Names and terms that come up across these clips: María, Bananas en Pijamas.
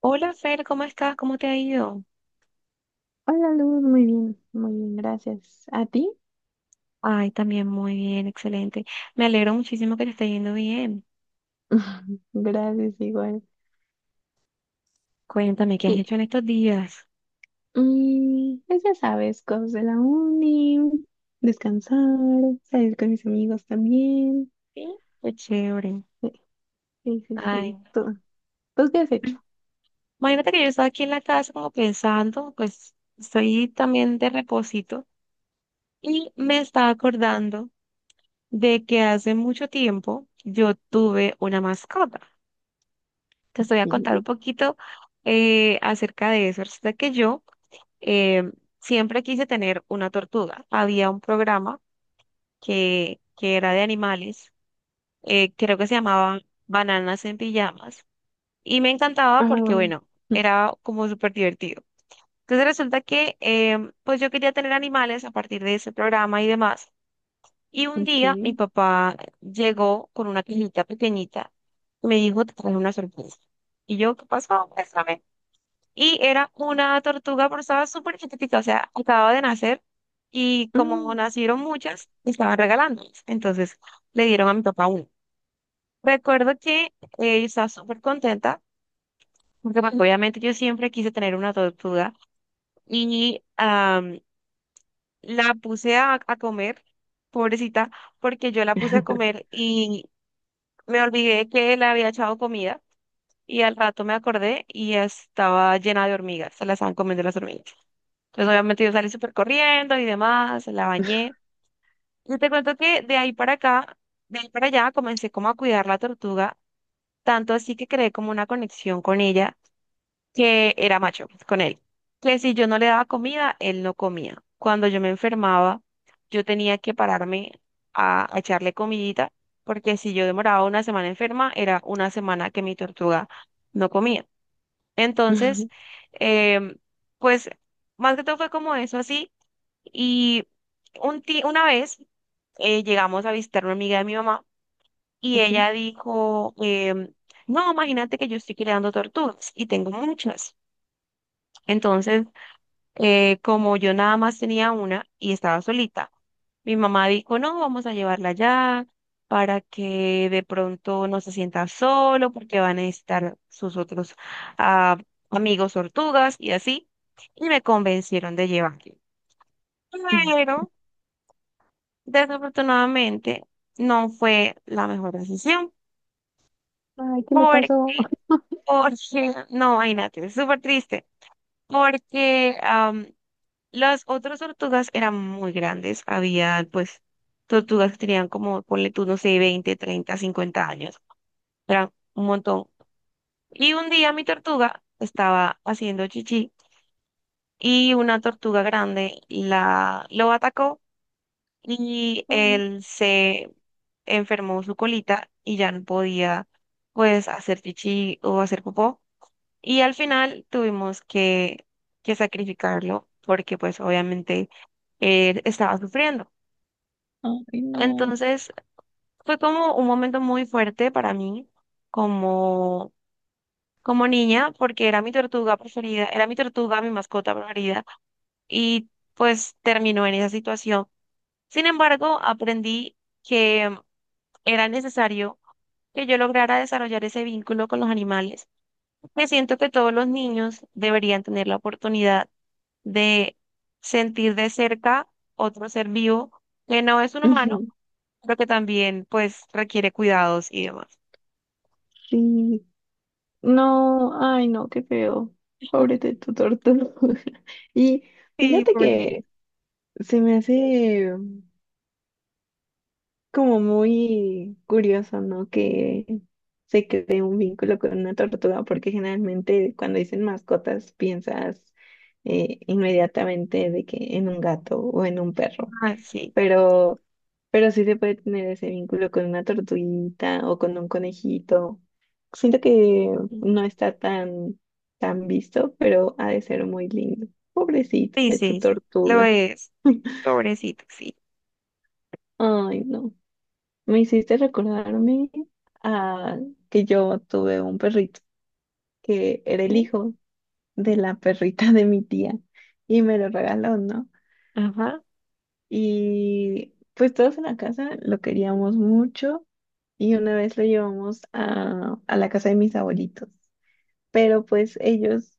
Hola Fer, ¿cómo estás? ¿Cómo te ha ido? Hola Luz, muy bien, gracias. ¿A ti? Ay, también muy bien, excelente. Me alegro muchísimo que te esté yendo bien. Gracias, igual. Cuéntame, ¿qué has Y hecho en estos días? Pues ya sabes, cosas de la uni, descansar, salir con mis amigos también. Sí, qué chévere. Sí, sí, sí. Ay, Sí. ¿Tú qué has hecho? imagínate que yo estaba aquí en la casa como pensando, pues estoy también de reposito y me estaba acordando de que hace mucho tiempo yo tuve una mascota. Te voy a contar Sí. un poquito acerca de eso. Resulta que yo eh, siempre quise tener una tortuga. Había un programa que era de animales, creo que se llamaba Bananas en Pijamas, y me encantaba Ah, porque, bueno, era como súper divertido. Entonces resulta que pues yo quería tener animales a partir de ese programa y demás. Y un día mi ok. papá llegó con una cajita pequeñita y me dijo, te traje una sorpresa. Y yo, ¿qué pasó? Muéstrame. Y era una tortuga, pero estaba súper chiquitica, o sea, acababa de nacer y Ah. como nacieron muchas, estaban regalándolas. Entonces le dieron a mi papá una. Recuerdo que yo estaba súper contenta, porque pues, obviamente yo siempre quise tener una tortuga y la puse a comer, pobrecita, porque yo la puse a comer y me olvidé que le había echado comida y al rato me acordé y estaba llena de hormigas, se la estaban comiendo las hormigas. Pues obviamente yo salí súper corriendo y demás, la bañé. Y te cuento que de ahí para acá, de ahí para allá, comencé como a cuidar la tortuga, tanto así que creé como una conexión con ella, que era macho, pues, con él. Que si yo no le daba comida, él no comía. Cuando yo me enfermaba, yo tenía que pararme a echarle comidita, porque si yo demoraba una semana enferma, era una semana que mi tortuga no comía. Entonces, em, pues más que todo fue como eso así. Y una vez llegamos a visitar una amiga de mi mamá y Ok. ella dijo, no, imagínate que yo estoy criando tortugas y tengo muchas. Entonces, como yo nada más tenía una y estaba solita, mi mamá dijo, no, vamos a llevarla allá para que de pronto no se sienta solo porque van a necesitar sus otros ah, amigos tortugas y así. Y me convencieron de llevarla. Pero... Desafortunadamente, no fue la mejor decisión. Ay, ¿qué le Porque, pasó? porque no, imagínate, es súper triste. Porque las otras tortugas eran muy grandes. Había, pues, tortugas que tenían como, ponle tú, no sé, 20, 30, 50 años. Eran un montón. Y un día mi tortuga estaba haciendo chichi y una tortuga grande lo atacó y Ay, él se enfermó su colita y ya no podía pues hacer chichi o hacer popó y al final tuvimos que sacrificarlo porque pues obviamente él estaba sufriendo. ay, no. Entonces fue como un momento muy fuerte para mí como, como niña porque era mi tortuga preferida, era mi tortuga, mi mascota preferida y pues terminó en esa situación. Sin embargo, aprendí que era necesario que yo lograra desarrollar ese vínculo con los animales, me siento que todos los niños deberían tener la oportunidad de sentir de cerca otro ser vivo que no es un humano, Ujú. pero que también pues requiere cuidados y demás. Sí, no, ay, no, qué feo. Pobre de tu tortuga. Y Sí, fíjate pobrecito. que se me hace como muy curioso, ¿no? Que se cree un vínculo con una tortuga, porque generalmente cuando dicen mascotas piensas inmediatamente de que en un gato o en un perro, Ah, sí. pero, pero sí se puede tener ese vínculo con una tortuguita o con un conejito. Siento que no está tan, tan visto, pero ha de ser muy lindo. Pobrecita Sí, de tu sí, sí. Lo tortuga. es. Pobrecito, sí. Ay, no. Me hiciste recordarme a que yo tuve un perrito que era el Sí, hijo de la perrita de mi tía y me lo regaló, ¿no? ajá, Y pues todos en la casa lo queríamos mucho y una vez lo llevamos a la casa de mis abuelitos. Pero pues ellos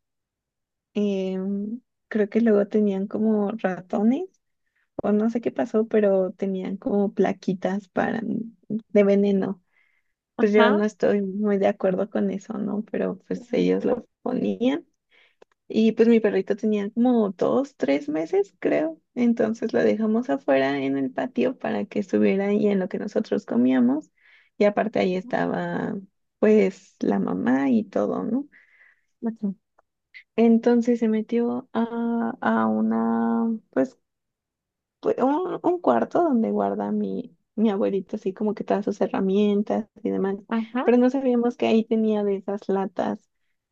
em, creo que luego tenían como ratones o no sé qué pasó, pero tenían como plaquitas para, de veneno. Pues yo ajá. no estoy muy de acuerdo con eso, ¿no? Pero pues Ujú. ellos lo ponían. Y pues mi perrito tenía como dos, tres meses, creo. Entonces la dejamos afuera en el patio para que estuviera ahí en lo que nosotros comíamos. Y aparte ahí estaba pues la mamá y todo, ¿no? Entonces se metió a una, pues pues, un cuarto donde guarda mi abuelito, así como que todas sus herramientas y demás. Ajá. Pero no sabíamos que ahí tenía de esas latas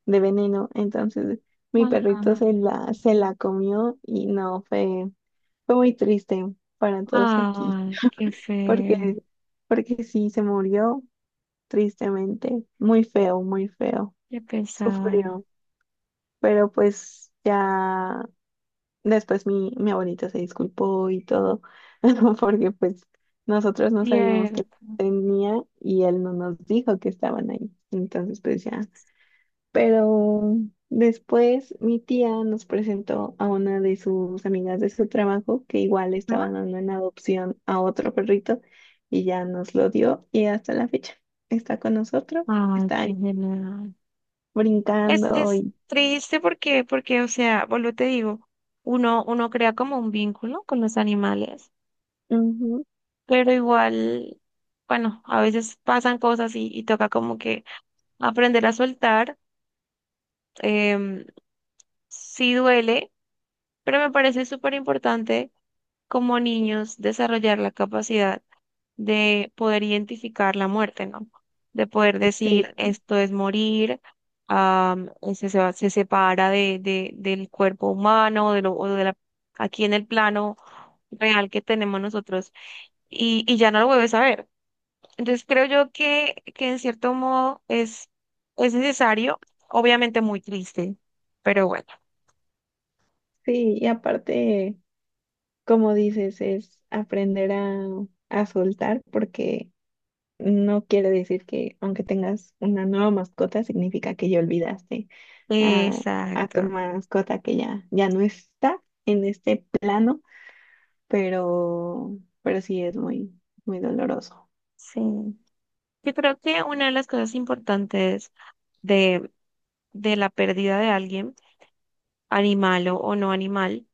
de veneno. Entonces mi perrito Ajá. se la comió y no, fue, fue muy triste para todos aquí, Ah, ay, qué feo. porque, porque sí, se murió tristemente, muy feo, Qué pesar. sufrió, pero pues ya. Después mi abuelita se disculpó y todo, porque pues nosotros no sabíamos que Cierto. tenía y él no nos dijo que estaban ahí. Entonces pues ya. Pero después mi tía nos presentó a una de sus amigas de su trabajo que igual Ajá. estaba dando en adopción a otro perrito y ya nos lo dio y hasta la fecha está con nosotros, Ay, está qué ahí genial. Es, brincando es y... triste porque, porque, o sea, vuelvo y te digo, uno crea como un vínculo con los animales, Ujú, pero igual, bueno, a veces pasan cosas y toca como que aprender a soltar. em, sí duele, pero me parece súper importante como niños desarrollar la capacidad de poder identificar la muerte, ¿no? De poder sí, decir, esto es morir, am, se separa del cuerpo humano, de lo, o de la, aquí en el plano real que tenemos nosotros, y ya no lo vuelves a ver. Entonces creo yo que en cierto modo es necesario, obviamente muy triste, pero bueno. sí, y aparte... Como dices, es aprender a soltar porque no quiere decir que aunque tengas una nueva mascota, significa que ya olvidaste a, a tu Exacto, mascota que ya, ya no está en este plano, pero, pero sí es muy, muy doloroso. sí. Yo creo que una de las cosas importantes de, de la pérdida de alguien, animal o no animal,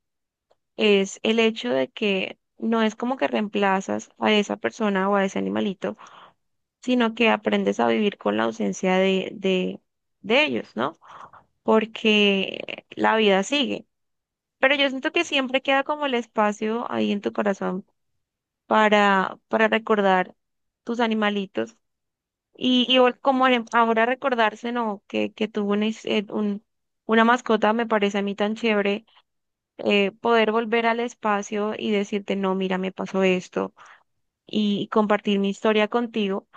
es el hecho de que no es como que reemplazas a esa persona o a ese animalito, sino que aprendes a vivir con la ausencia de ellos, ¿no? Porque la vida sigue. Pero yo siento que siempre queda como el espacio ahí en tu corazón para recordar tus animalitos. Y, como ahora recordarse, ¿no? Que tuvo una, una mascota, me parece a mí tan chévere, poder volver al espacio y decirte, no, mira, me pasó esto, y compartir mi historia contigo,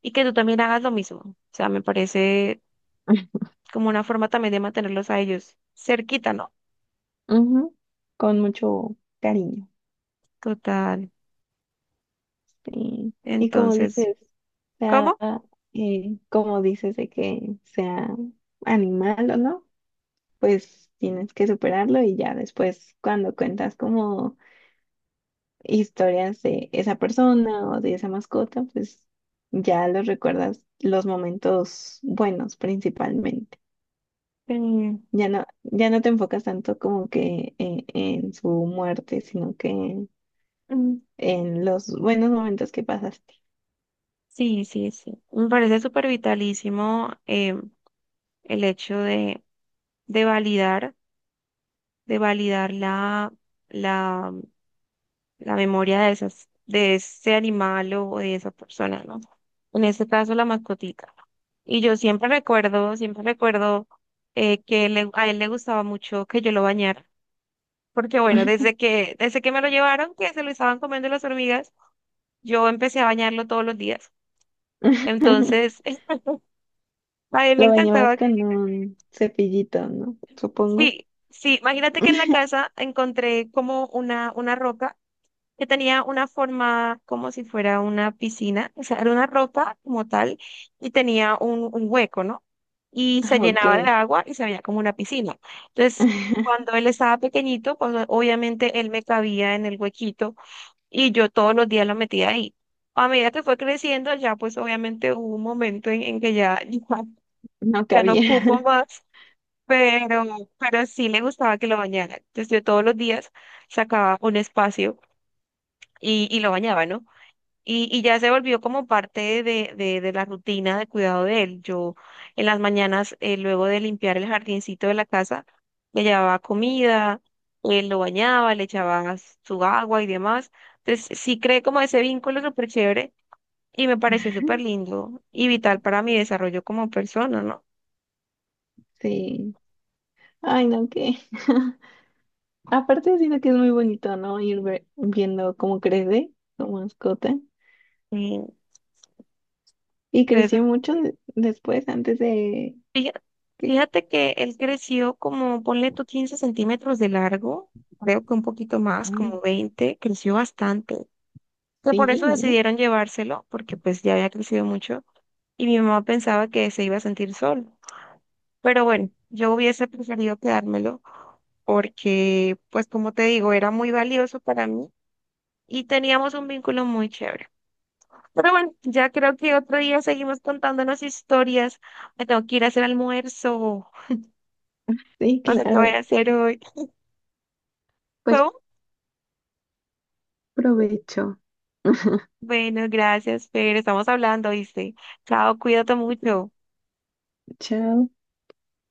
y que tú también hagas lo mismo. O sea, me parece como una forma también de mantenerlos a ellos cerquita, ¿no? Ujú. Con mucho cariño. Total. Sí. Y como Entonces, dices, sea, ¿cómo? Como dices de que sea animal o no, pues tienes que superarlo y ya después cuando cuentas como historias de esa persona o de esa mascota, pues ya los recuerdas los momentos buenos principalmente. Mm, Ya no, ya no te enfocas tanto como que en su muerte, sino que mm, en los buenos momentos que pasaste. sí, sí, sí. Me parece súper vitalísimo, em, el hecho de validar. De validar la, la memoria de esas, de ese animal o de esa persona, ¿no? En este caso, la mascotica. Y yo siempre recuerdo a él le gustaba mucho que yo lo bañara, porque bueno, desde que me lo llevaron, que se lo estaban comiendo las hormigas, yo empecé a bañarlo todos los días. Entonces, a él le Lo bañabas encantaba, con un cepillito, ¿no? Supongo. sí, sí, imagínate que en la casa encontré como una roca que tenía una forma como si fuera una piscina, o sea, era una roca como tal y tenía un hueco, ¿no? Y se Ah, ok. llenaba de agua y se veía como una piscina. Entonces, cuando él estaba pequeñito, pues obviamente él me cabía en el huequito y yo todos los días lo metía ahí. A medida que fue creciendo, ya pues obviamente hubo un momento en que ya, ya, No ya no ocupo cabía. más, pero, pero sí le gustaba que lo bañara. Entonces yo todos los días sacaba un espacio y lo bañaba, ¿no? Y ya se volvió como parte de la rutina de cuidado de él. Yo en las mañanas, luego de limpiar el jardincito de la casa, le llevaba comida, él lo bañaba, le echaba su agua y demás. Entonces sí creé como ese vínculo súper chévere y me pareció súper lindo y vital para mi desarrollo como persona, ¿no? Sí. Ay, no, qué. Aparte, siento que es muy bonito, ¿no? Ir ve- viendo cómo crece tu mascota. Y, Y pues, creció mucho de- después, antes de... fija- Que- fíjate que él creció como, ponle tú 15 centímetros de largo, creo que un poquito más, mm, como 20. Creció bastante. Sea, por eso sí, ¿eh? decidieron llevárselo, porque pues ya había crecido mucho y mi mamá pensaba que se iba a sentir solo. Pero bueno, yo hubiese preferido quedármelo porque, pues como te digo, era muy valioso para mí y teníamos un vínculo muy chévere. Pero bueno, ya creo que otro día seguimos contándonos historias. Me tengo que ir a hacer almuerzo. Sí, No sé qué voy claro. a hacer hoy. Pues ¿Cómo? provecho. Bueno, gracias, Fer. Estamos hablando, ¿viste? Chao, cuídate mucho. Chao.